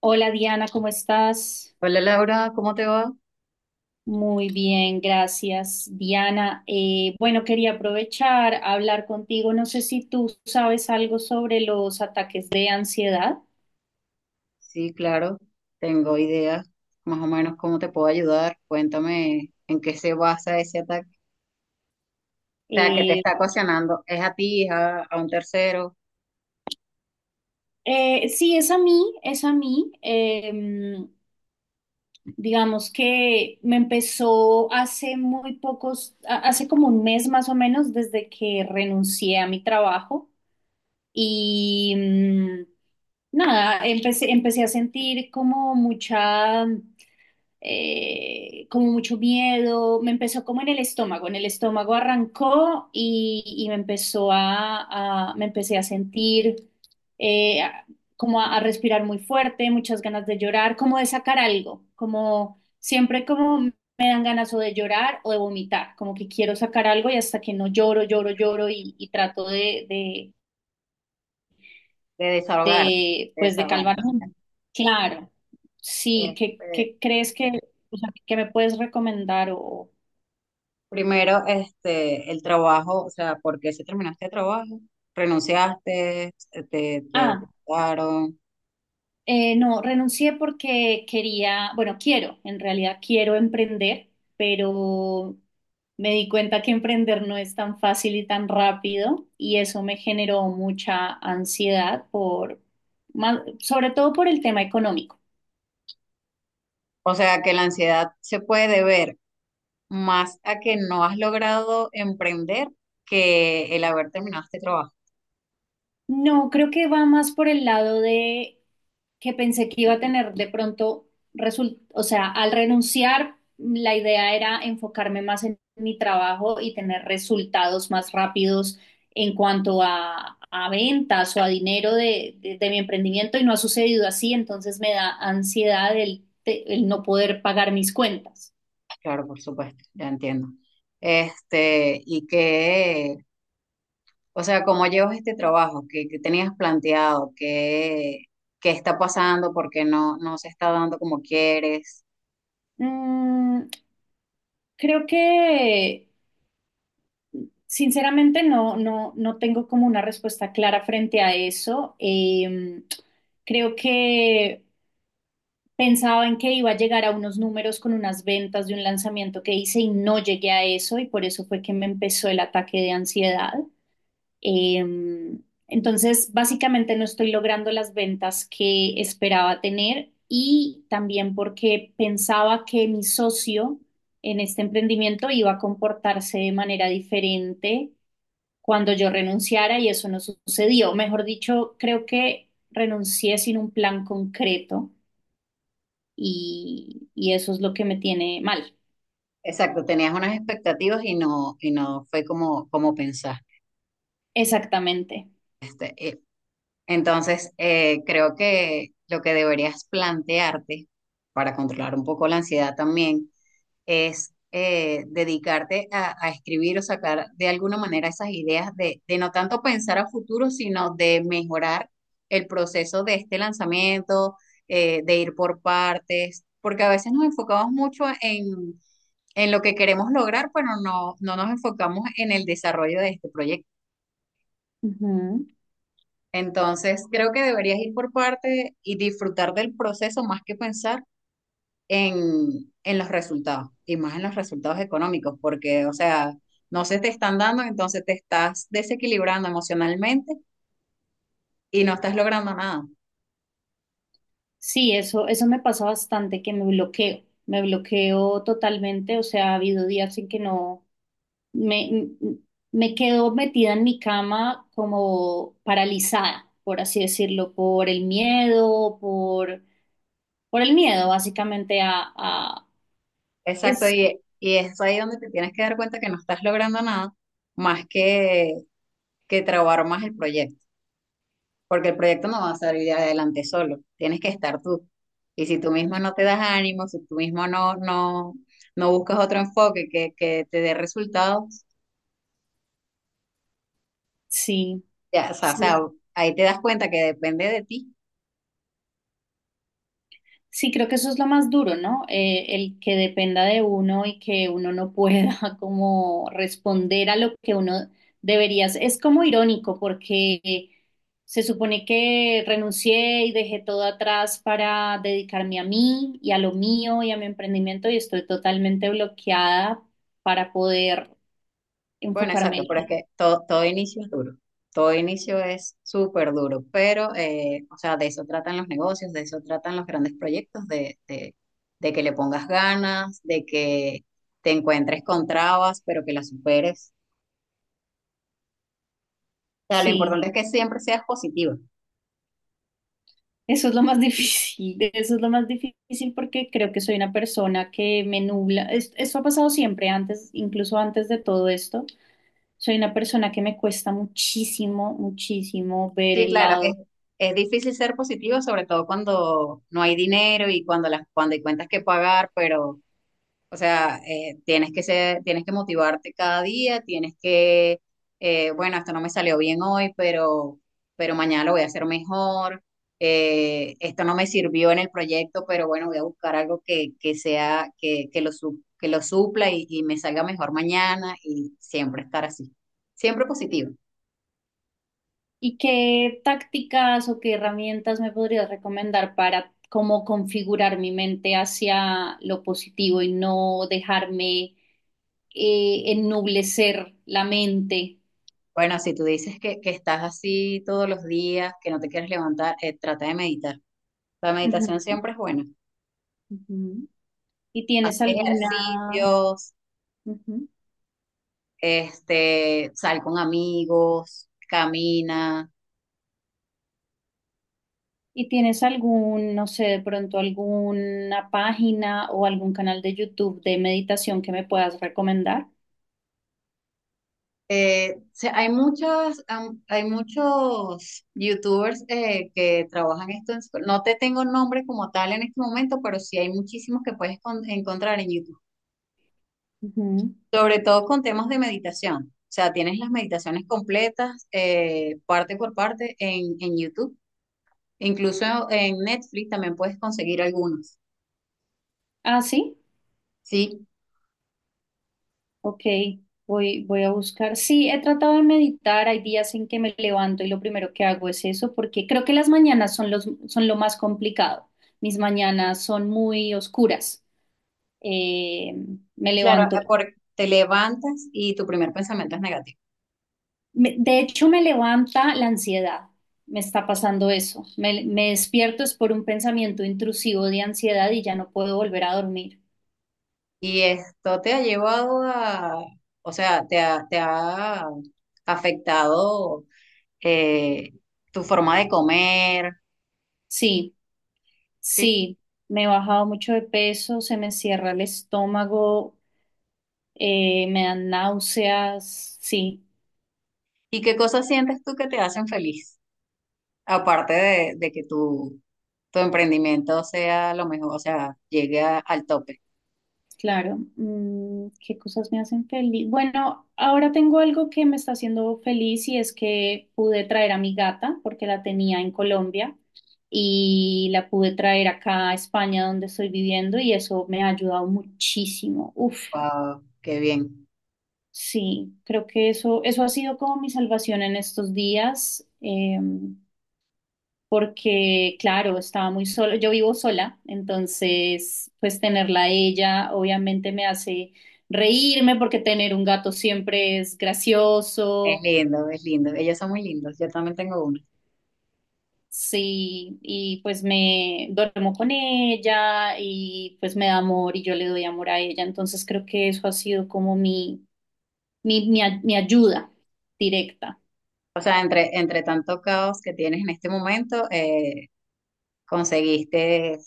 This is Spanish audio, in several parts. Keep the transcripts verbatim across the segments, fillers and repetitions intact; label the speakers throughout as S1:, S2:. S1: Hola Diana, ¿cómo estás?
S2: Hola Laura, ¿cómo te va?
S1: Muy bien, gracias. Diana, eh, bueno, quería aprovechar a hablar contigo. No sé si tú sabes algo sobre los ataques de ansiedad.
S2: Sí, claro, tengo ideas más o menos cómo te puedo ayudar. Cuéntame en qué se basa ese ataque. O sea, que te
S1: Eh,
S2: está ocasionando, es a ti, es a, a un tercero,
S1: eh, sí, es a mí, es a mí. Eh, digamos que me empezó hace muy pocos, a- hace como un mes más o menos desde que renuncié a mi trabajo y mm, nada, empecé, empecé a sentir como mucha... eh, como mucho miedo, me empezó como en el estómago, en el estómago arrancó y, y me empezó a, a- me empecé a sentir eh, a- como a, a respirar muy fuerte, muchas ganas de llorar, como de sacar algo, como siempre como me dan ganas o de llorar o de vomitar, como que quiero sacar algo y hasta que no lloro, lloro, lloro y, y trato de, de
S2: de desahogarte,
S1: de,
S2: de
S1: pues, de calmar.
S2: desahogarte. Sí, claro.
S1: Un- Claro, sí, ¿qué,
S2: Este,
S1: qué crees que, o sea, ¿que me puedes recomendar? O,
S2: primero, este, el trabajo, o sea, ¿por qué se terminaste el trabajo? ¿Renunciaste? ¿Te, te, te
S1: ah,
S2: echaron?
S1: eh, no, renuncié porque quería, bueno, quiero, en realidad quiero emprender, pero me di cuenta que emprender no es tan fácil y tan rápido y eso me generó mucha ansiedad por, más- sobre todo por el tema económico.
S2: O sea, que la ansiedad se puede ver más a que no has logrado emprender que el haber terminado este trabajo.
S1: No, creo que va más por el lado de que pensé que iba a tener de pronto result, o sea, al renunciar, la idea era enfocarme más en mi trabajo y tener resultados más rápidos en cuanto a, a ventas o a dinero de, de- de mi emprendimiento y no ha sucedido así, entonces me da ansiedad el, te- el no poder pagar mis cuentas.
S2: Claro, por supuesto, ya entiendo. Este, y que, o sea, ¿cómo llevas este trabajo? ¿Qué, qué tenías planteado? ¿Qué, qué está pasando? ¿Por qué no, no se está dando como quieres?
S1: Mm, Creo que sinceramente, no, no, no tengo como una respuesta clara frente a eso. Em, creo que pensaba en que iba a llegar a unos números con unas ventas de un lanzamiento que hice y no llegué a eso y por eso fue que me empezó el ataque de ansiedad. Em, entonces, básicamente no estoy logrando las ventas que esperaba tener y también porque pensaba que mi socio en este emprendimiento iba a comportarse de manera diferente cuando yo renunciara y eso no sucedió. Mejor dicho, creo que renuncié sin un plan concreto y, y eso es lo que me tiene mal.
S2: Exacto, tenías unas expectativas y no, y no fue como, como pensaste.
S1: Exactamente.
S2: Eh, Entonces, eh, creo que lo que deberías plantearte para controlar un poco la ansiedad también es eh, dedicarte a, a escribir o sacar de alguna manera esas ideas de, de no tanto pensar a futuro, sino de mejorar el proceso de este lanzamiento, eh, de ir por partes, porque a veces nos enfocamos mucho en, en lo que queremos lograr, pero no, no nos enfocamos en el desarrollo de este proyecto.
S1: Ujú.
S2: Entonces, creo que deberías ir por partes y disfrutar del proceso más que pensar en, en los resultados y más en los resultados económicos, porque, o sea, no se te están dando, entonces te estás desequilibrando emocionalmente y no estás logrando nada.
S1: Sí, eso, eso me pasa bastante, que me bloqueo, me bloqueo totalmente, o sea, ha habido días en que no, me, me quedo metida en mi cama como paralizada, por así decirlo, por el miedo, por, por el miedo básicamente a, a-
S2: Exacto,
S1: es,
S2: y, y es ahí donde te tienes que dar cuenta que no estás logrando nada más que, que trabajar más el proyecto, porque el proyecto no va a salir adelante solo, tienes que estar tú. Y si tú mismo no te das ánimo, si tú mismo no, no, no buscas otro enfoque que, que te dé resultados,
S1: sí,
S2: ya, o sea, o sea,
S1: sí,
S2: ahí te das cuenta que depende de ti.
S1: sí, creo que eso es lo más duro, ¿no? Eh, el que dependa de uno y que uno no pueda como responder a lo que uno debería hacer. Es como irónico porque se supone que renuncié y dejé todo atrás para dedicarme a mí y a lo mío y a mi emprendimiento y estoy totalmente bloqueada para poder
S2: Bueno,
S1: enfocarme
S2: exacto,
S1: en...
S2: pero es
S1: ello.
S2: que todo, todo inicio es duro. Todo inicio es súper duro, pero, eh, o sea, de eso tratan los negocios, de eso tratan los grandes proyectos, de, de, de que le pongas ganas, de que te encuentres con trabas, pero que las superes. O sea, lo
S1: Sí.
S2: importante es que siempre seas positiva.
S1: Eso es lo más difícil, eso es lo más difícil porque creo que soy una persona que me nubla. Es- Esto ha pasado siempre antes, incluso antes de todo esto. Soy una persona que me cuesta muchísimo, muchísimo ver
S2: Sí,
S1: el
S2: claro, es,
S1: lado.
S2: es difícil ser positiva, sobre todo cuando no hay dinero y cuando las, cuando hay cuentas que pagar, pero o sea, eh, tienes que ser, tienes que motivarte cada día, tienes que, eh, bueno, esto no me salió bien hoy, pero, pero mañana lo voy a hacer mejor. Eh, esto no me sirvió en el proyecto, pero bueno, voy a buscar algo que, que sea, que, que lo, su- que lo supla y, y me salga mejor mañana y siempre estar así. Siempre positivo.
S1: ¿Y qué tácticas o qué herramientas me podrías recomendar para cómo configurar mi mente hacia lo positivo y no dejarme eh, ennublecer la mente?
S2: Bueno, si tú dices que, que estás así todos los días, que no te quieres levantar, eh, trata de meditar. La meditación
S1: Ujú,
S2: siempre es buena.
S1: ujú. ¿Y
S2: Haz
S1: tienes alguna?
S2: ejercicios
S1: Ujú.
S2: este, sal con amigos, camina.
S1: ¿Y tienes algún, no sé, de pronto alguna página o algún canal de YouTube de meditación que me puedas recomendar?
S2: Eh, o hay muchos, am- hay muchos youtubers eh, que trabajan esto. En su- no te tengo nombre como tal en este momento, pero sí hay muchísimos que puedes con- encontrar en YouTube,
S1: Ujú.
S2: sobre todo con temas de meditación. O sea, tienes las meditaciones completas, eh, parte por parte, en, en YouTube. Incluso en Netflix también puedes conseguir algunos.
S1: Ah, sí,
S2: Sí,
S1: ok, voy, voy a buscar. Sí, he tratado de meditar, hay días en que me levanto y lo primero que hago es eso, porque creo que las mañanas son los, son lo más complicado. Mis mañanas son muy oscuras. Eh, Me
S2: claro, eh,
S1: levanto...
S2: porque te levantas y tu primer pensamiento es negativo.
S1: Me- de hecho, me levanta la ansiedad. Me está pasando eso. Me, me despierto es por un pensamiento intrusivo de ansiedad y ya no puedo volver a dormir.
S2: Y esto te ha llevado a, o sea, te ha, te ha afectado eh, tu forma de comer,
S1: Sí,
S2: ¿sí?
S1: sí, me he bajado mucho de peso, se me cierra el estómago, eh, me dan náuseas, sí.
S2: ¿Y qué cosas sientes tú que te hacen feliz? Aparte de, de que tu, tu emprendimiento sea lo mejor, o sea, llegue a- al tope.
S1: Claro, mm, ¿qué cosas me hacen feliz? Bueno, ahora tengo algo que me está haciendo feliz y es que pude traer a mi gata porque la tenía en Colombia y la pude traer acá a España donde estoy viviendo y eso me ha ayudado muchísimo. Uf,
S2: Wow, qué bien.
S1: sí, creo que eso, eso ha sido como mi salvación en estos días. Eh, porque, claro, estaba muy sola, yo vivo sola, entonces, pues tenerla a ella obviamente me hace reírme porque tener un gato siempre es
S2: Es
S1: gracioso,
S2: lindo, es lindo. Ellos son muy lindos. Yo también tengo uno.
S1: sí, y pues me duermo con ella y pues me da amor y yo le doy amor a ella, entonces creo que eso ha sido como mi, mi, mi, a- mi ayuda directa.
S2: O sea, entre, entre tanto caos que tienes en este momento, eh, conseguiste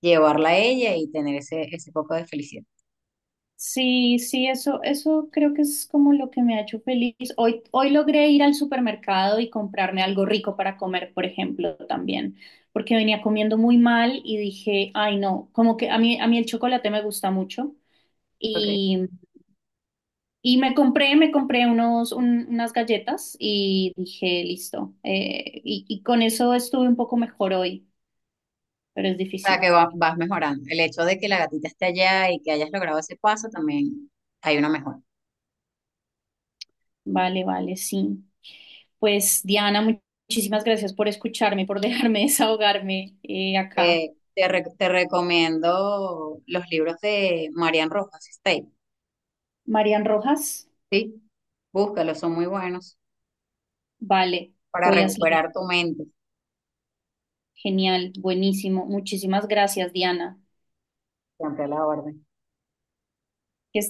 S2: llevarla a ella y tener ese, ese poco de felicidad.
S1: Sí, sí, eso, eso creo que es como lo que me ha hecho feliz. Hoy, hoy logré ir al supermercado y comprarme algo rico para comer, por ejemplo, también, porque venía comiendo muy mal y dije, ay, no, como que a mí, a mí el chocolate me gusta mucho
S2: Ok.
S1: y, y me compré, me compré unos, un- unas galletas y dije, listo, eh, y, y con eso estuve un poco mejor hoy, pero es
S2: O sea, que
S1: difícil.
S2: va- vas mejorando. El hecho de que la gatita esté allá y que hayas logrado ese paso, también hay una mejora.
S1: Vale, vale, sí. Pues Diana, mu- muchísimas gracias por escucharme, por dejarme desahogarme eh, acá.
S2: Eh, te, re- te recomiendo los libros de Marian Rojas State,
S1: Marian Rojas,
S2: ¿sí? Búscalos, son muy buenos
S1: vale,
S2: para
S1: voy a seguir.
S2: recuperar tu mente.
S1: Genial, buenísimo. Muchísimas gracias, Diana.
S2: Siempre a la orden.
S1: Que